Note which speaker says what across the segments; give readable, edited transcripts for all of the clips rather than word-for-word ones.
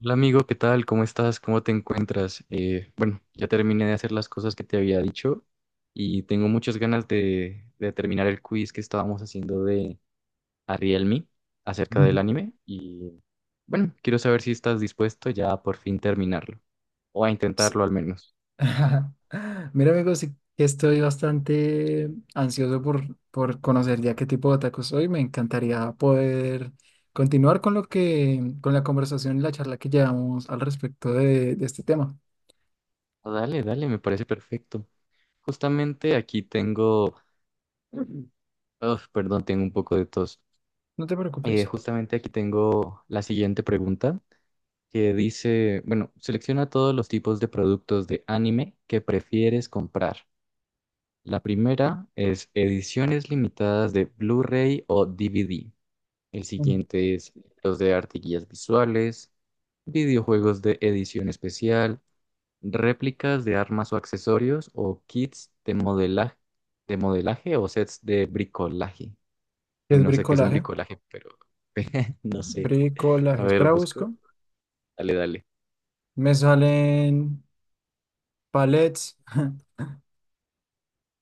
Speaker 1: Hola amigo, ¿qué tal? ¿Cómo estás? ¿Cómo te encuentras? Bueno, ya terminé de hacer las cosas que te había dicho y tengo muchas ganas de terminar el quiz que estábamos haciendo de Ariel Me acerca del
Speaker 2: Ujú.
Speaker 1: anime y bueno, quiero saber si estás dispuesto ya a por fin terminarlo o a
Speaker 2: S-
Speaker 1: intentarlo al menos.
Speaker 2: Mira, amigos, sí que estoy bastante ansioso por conocer ya qué tipo de tacos soy. Me encantaría poder continuar con con la conversación y la charla que llevamos al respecto de este tema.
Speaker 1: Ah, dale, dale, me parece perfecto. Justamente aquí tengo. Uf, perdón, tengo un poco de tos.
Speaker 2: No te preocupes.
Speaker 1: Justamente aquí tengo la siguiente pregunta, que dice, bueno, selecciona todos los tipos de productos de anime que prefieres comprar. La primera es ediciones limitadas de Blu-ray o DVD. El
Speaker 2: Mm.
Speaker 1: siguiente es los de arte y guías visuales, videojuegos de edición especial, réplicas de armas o accesorios o kits de modelaje o sets de bricolaje. Uy,
Speaker 2: Es
Speaker 1: no sé qué es un
Speaker 2: bricolaje.
Speaker 1: bricolaje, pero no sé. A
Speaker 2: Bricolaje.
Speaker 1: ver,
Speaker 2: Espera,
Speaker 1: busco.
Speaker 2: busco.
Speaker 1: Dale, dale.
Speaker 2: Me salen palets,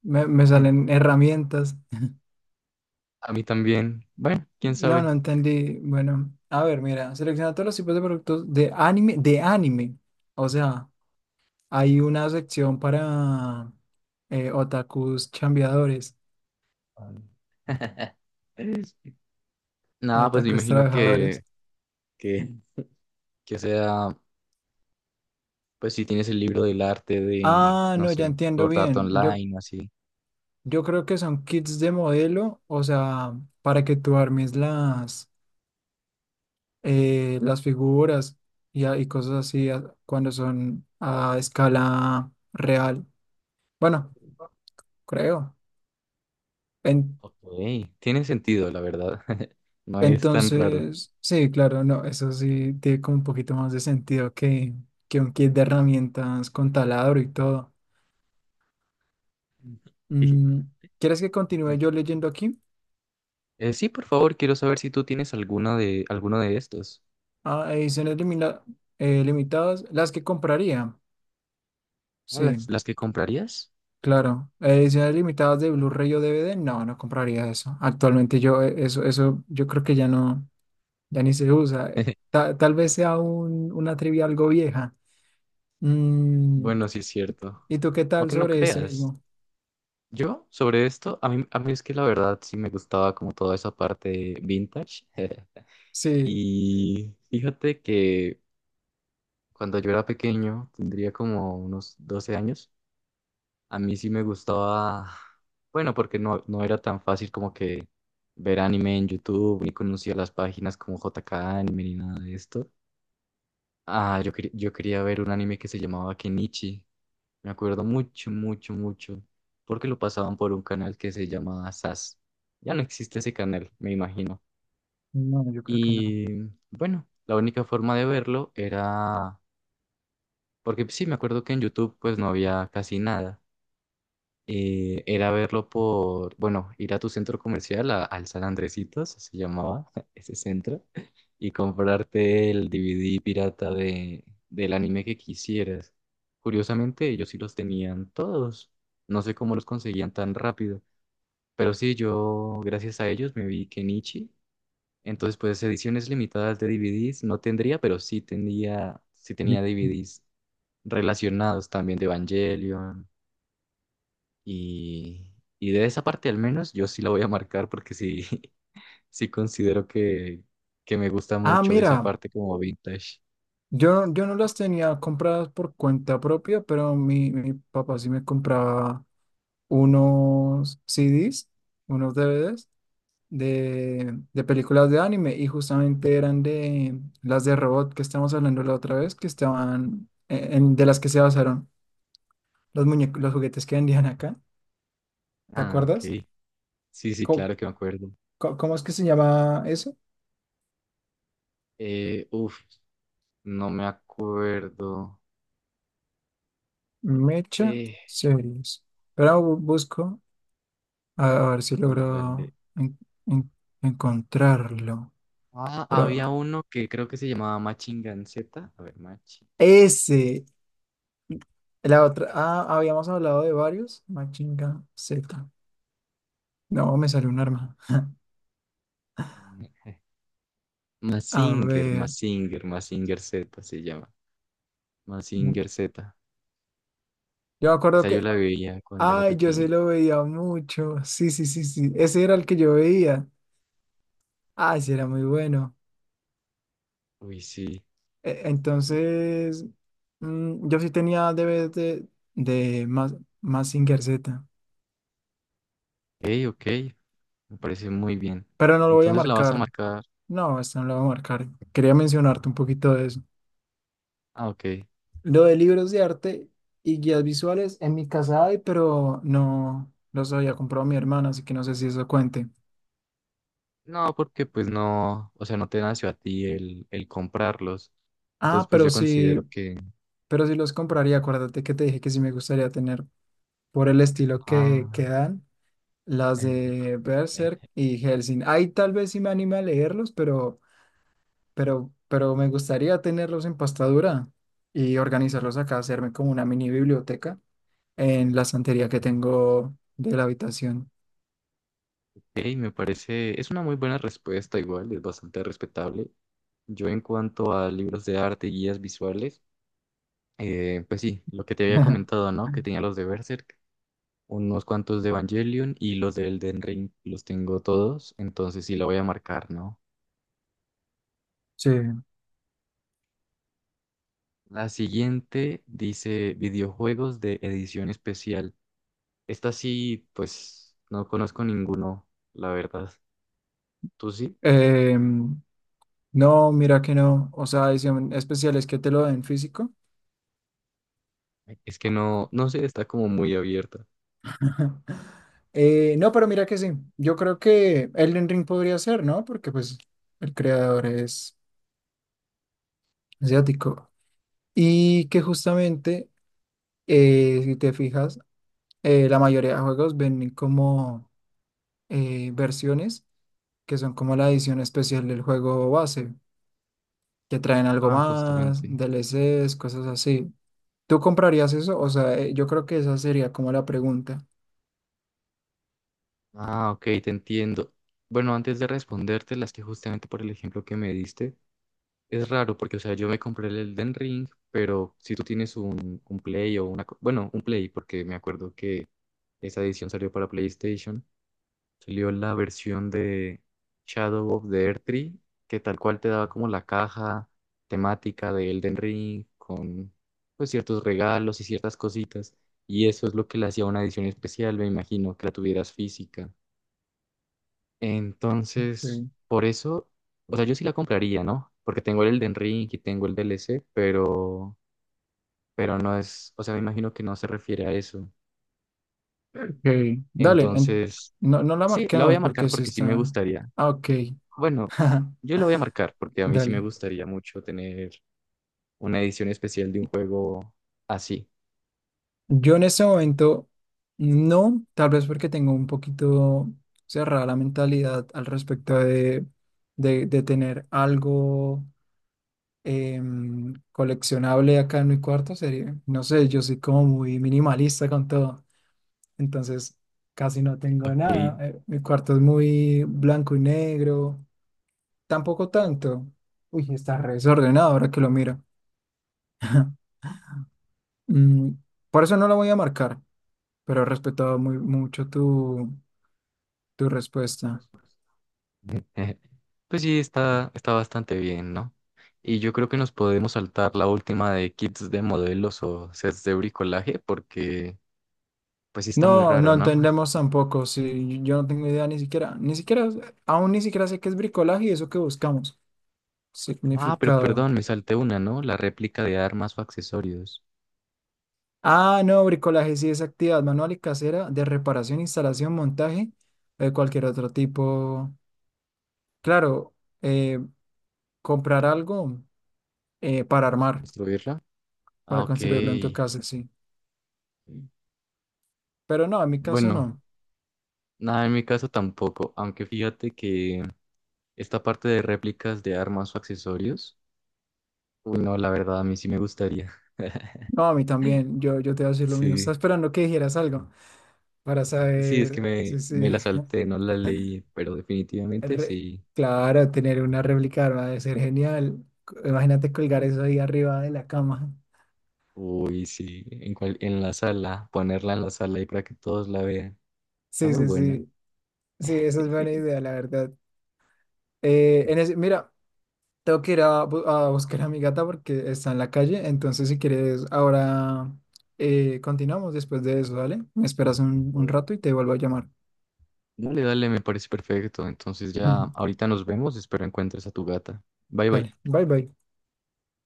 Speaker 2: me salen herramientas.
Speaker 1: A mí también. Bueno, quién
Speaker 2: No,
Speaker 1: sabe.
Speaker 2: entendí. Bueno, a ver, mira, selecciona todos los tipos de productos de anime, de anime. O sea, hay una sección para otakus chambeadores,
Speaker 1: Nada, pues me
Speaker 2: otakus
Speaker 1: imagino
Speaker 2: trabajadores.
Speaker 1: que, que sea, pues si tienes el libro del arte de,
Speaker 2: Ah,
Speaker 1: no
Speaker 2: no, ya
Speaker 1: sé,
Speaker 2: entiendo
Speaker 1: Sword Art
Speaker 2: bien.
Speaker 1: Online o así.
Speaker 2: Yo creo que son kits de modelo, o sea, para que tú armes las figuras y cosas cuando son a escala real. Bueno, creo.
Speaker 1: Ok, tiene sentido, la verdad. No es tan raro.
Speaker 2: Entonces, sí, claro, no, eso sí tiene como un poquito más de sentido que un kit de herramientas con taladro y todo.
Speaker 1: Sí.
Speaker 2: Mm, ¿quieres que continúe yo leyendo aquí?
Speaker 1: Sí, por favor, quiero saber si tú tienes alguna de, alguno de estos.
Speaker 2: Ah, limitadas, las que compraría.
Speaker 1: Ah,
Speaker 2: Sí,
Speaker 1: ¿las, las que comprarías?
Speaker 2: claro. Ediciones limitadas de Blu-ray o DVD, no, no compraría eso. Actualmente yo, eso, yo creo que ya no, ya ni se usa. Tal vez sea una trivia algo vieja. Mm,
Speaker 1: Bueno, sí es cierto.
Speaker 2: ¿y tú qué tal
Speaker 1: Aunque no
Speaker 2: sobre ese
Speaker 1: creas.
Speaker 2: mismo?
Speaker 1: Yo, sobre esto, a mí es que la verdad sí me gustaba como toda esa parte vintage.
Speaker 2: Sí.
Speaker 1: Y fíjate que cuando yo era pequeño, tendría como unos 12 años, a mí sí me gustaba, bueno, porque no, no era tan fácil como que ver anime en YouTube, ni conocía las páginas como J K Anime ni nada de esto. Ah, yo, yo quería ver un anime que se llamaba Kenichi. Me acuerdo mucho, mucho, mucho, porque lo pasaban por un canal que se llama SAS. Ya no existe ese canal, me imagino.
Speaker 2: No, yo creo que no.
Speaker 1: Y bueno, la única forma de verlo era. Porque sí, me acuerdo que en YouTube pues no había casi nada. Y era verlo por, bueno, ir a tu centro comercial, al San Andresitos, se llamaba ese centro, y comprarte el DVD pirata del anime que quisieras. Curiosamente, ellos sí los tenían todos. No sé cómo los conseguían tan rápido. Pero sí, yo, gracias a ellos, me vi Kenichi. Entonces, pues ediciones limitadas de DVDs no tendría, pero sí tenía DVDs relacionados también de Evangelion y, y de esa parte al menos yo sí la voy a marcar porque sí, sí considero que me gusta
Speaker 2: Ah,
Speaker 1: mucho esa
Speaker 2: mira,
Speaker 1: parte como vintage.
Speaker 2: yo no las tenía compradas por cuenta propia, pero mi papá sí me compraba unos CDs, unos DVDs de películas de anime y justamente eran de las de robot que estábamos hablando la otra vez, que estaban de las que se basaron los muñecos, los juguetes que vendían acá, ¿te
Speaker 1: Ah,
Speaker 2: acuerdas?
Speaker 1: ok. Sí, sí,
Speaker 2: ¿Cómo,
Speaker 1: claro que me acuerdo.
Speaker 2: cómo es que se llama eso?
Speaker 1: Eh, uf, no me acuerdo.
Speaker 2: Mecha
Speaker 1: Eh,
Speaker 2: Series. Pero busco. A ver si
Speaker 1: y dale.
Speaker 2: logro en- encontrarlo.
Speaker 1: Ah,
Speaker 2: Pero
Speaker 1: había uno que creo que se llamaba Machingan Z. A ver, Machi.
Speaker 2: ese, la otra. Ah, habíamos hablado de varios. Machinga Z. No, me salió un arma. A ver.
Speaker 1: Mazinger Z se llama.
Speaker 2: No.
Speaker 1: Mazinger Z.
Speaker 2: Yo me acuerdo
Speaker 1: Esa yo
Speaker 2: que.
Speaker 1: la veía cuando era
Speaker 2: Ay, yo se
Speaker 1: pequeño.
Speaker 2: lo veía mucho. Sí, sí, sí, sí. Ese era el que yo veía. Ay, sí, era muy bueno.
Speaker 1: Uy, sí.
Speaker 2: Entonces, mm, yo sí tenía DVDs de Mazinger Z.
Speaker 1: Ey, ok, me parece muy bien.
Speaker 2: Pero no lo voy a
Speaker 1: Entonces la vas a
Speaker 2: marcar.
Speaker 1: marcar.
Speaker 2: No, esta no la va a marcar. Quería mencionarte un poquito de eso.
Speaker 1: Ah, ok.
Speaker 2: Lo de libros de arte y guías visuales, en mi casa hay, pero no los había comprado mi hermana, así que no sé si eso cuente.
Speaker 1: No, porque pues no, o sea, no te nació a ti el comprarlos. Entonces,
Speaker 2: Ah,
Speaker 1: pues yo considero que.
Speaker 2: pero sí los compraría. Acuérdate que te dije que sí me gustaría tener por el estilo que
Speaker 1: Ah,
Speaker 2: dan las
Speaker 1: eh,
Speaker 2: de
Speaker 1: eh,
Speaker 2: Berserk y Hellsing. Ahí tal vez sí me anime a leerlos, pero me gustaría tenerlos en pastadura y organizarlos acá, hacerme como una mini biblioteca en la estantería que tengo de la habitación.
Speaker 1: ey, me parece. Es una muy buena respuesta, igual, es bastante respetable. Yo, en cuanto a libros de arte y guías visuales, pues sí, lo que te había comentado, ¿no? Que tenía los de Berserk. Unos cuantos de Evangelion y los de Elden Ring los tengo todos, entonces sí la voy a marcar, ¿no?
Speaker 2: Sí.
Speaker 1: La siguiente dice videojuegos de edición especial. Esta sí, pues no conozco ninguno, la verdad. ¿Tú sí?
Speaker 2: Em, no, mira que no. O sea, edición especial es que te lo den físico.
Speaker 1: Es que no, no sé, está como muy abierta.
Speaker 2: No, pero mira que sí. Yo creo que Elden Ring podría ser, ¿no? Porque pues el creador es asiático. Y que justamente, si te fijas, la mayoría de juegos ven como versiones que son como la edición especial del juego base, que traen algo
Speaker 1: Ah,
Speaker 2: más,
Speaker 1: justamente.
Speaker 2: DLCs, cosas así. ¿Tú comprarías eso? O sea, yo creo que esa sería como la pregunta.
Speaker 1: Ah, ok, te entiendo. Bueno, antes de responderte, las que justamente por el ejemplo que me diste, es raro porque, o sea, yo me compré el Elden Ring, pero si tú tienes un Play o una, bueno, un Play, porque me acuerdo que esa edición salió para PlayStation. Salió la versión de Shadow of the Earth Tree, que tal cual te daba como la caja temática de Elden Ring con, pues, ciertos regalos y ciertas cositas. Y eso es lo que le hacía una edición especial, me imagino, que la tuvieras física. Entonces,
Speaker 2: Ok.
Speaker 1: por eso, o sea, yo sí la compraría, ¿no? Porque tengo el Elden Ring y tengo el DLC, pero no es, o sea, me imagino que no se refiere a eso.
Speaker 2: Ok, dale,
Speaker 1: Entonces,
Speaker 2: no, no la
Speaker 1: sí, la voy
Speaker 2: marquemos
Speaker 1: a marcar
Speaker 2: porque si
Speaker 1: porque sí me
Speaker 2: está...
Speaker 1: gustaría.
Speaker 2: Ah, ok,
Speaker 1: Bueno, yo la voy a marcar porque a mí sí me
Speaker 2: dale.
Speaker 1: gustaría mucho tener una edición especial de un juego así.
Speaker 2: Yo en ese momento no, tal vez porque tengo un poquito cerrada la mentalidad al respecto de tener algo coleccionable acá en mi cuarto. Sería, no sé, yo soy como muy minimalista con todo, entonces casi no tengo
Speaker 1: Ok.
Speaker 2: nada. Mi cuarto es muy blanco y negro, tampoco tanto. Uy, está re desordenado ahora que lo miro. Mm, por eso no lo voy a marcar, pero he respetado muy mucho tu respuesta.
Speaker 1: Pues sí, está bastante bien, ¿no? Y yo creo que nos podemos saltar la última de kits de modelos o sets de bricolaje porque pues sí está muy
Speaker 2: No, no
Speaker 1: raro, ¿no?
Speaker 2: entendemos tampoco, si yo no tengo idea ni siquiera, ni siquiera, aún ni siquiera sé qué es bricolaje y eso que buscamos.
Speaker 1: Ah, pero
Speaker 2: Significado.
Speaker 1: perdón, me salté una, ¿no? La réplica de armas o accesorios.
Speaker 2: Ah, no, bricolaje sí es actividad manual y casera de reparación, instalación, montaje o de cualquier otro tipo. Claro, eh, comprar algo para armar,
Speaker 1: ¿Destruirla? Ah,
Speaker 2: para
Speaker 1: ok.
Speaker 2: construirlo en tu casa, sí. Pero no, en mi caso no.
Speaker 1: Bueno, nada, en mi caso tampoco, aunque fíjate que esta parte de réplicas de armas o accesorios, uy, no, la verdad, a mí sí me gustaría.
Speaker 2: No, a mí también, yo te voy a decir lo mismo.
Speaker 1: Sí,
Speaker 2: Estaba esperando que dijeras algo para
Speaker 1: sí, es que
Speaker 2: saber. Sí,
Speaker 1: me
Speaker 2: sí.
Speaker 1: la salté, no la leí, pero definitivamente
Speaker 2: Re-
Speaker 1: sí.
Speaker 2: Claro, tener una réplica va a ser genial. Imagínate colgar eso ahí arriba de la cama.
Speaker 1: Uy, sí, en, en la sala, ponerla en la sala ahí para que todos la vean. Está
Speaker 2: Sí,
Speaker 1: muy
Speaker 2: sí,
Speaker 1: buena.
Speaker 2: sí. Sí, esa es buena idea, la verdad. Mira, tengo que ir a buscar a mi gata porque está en la calle. Entonces, si quieres, ahora continuamos después de eso, ¿vale? Me esperas un rato y te vuelvo a llamar.
Speaker 1: Dale, dale, me parece perfecto. Entonces ya ahorita nos vemos. Espero encuentres a tu gata. Bye, bye.
Speaker 2: Dale, bye bye.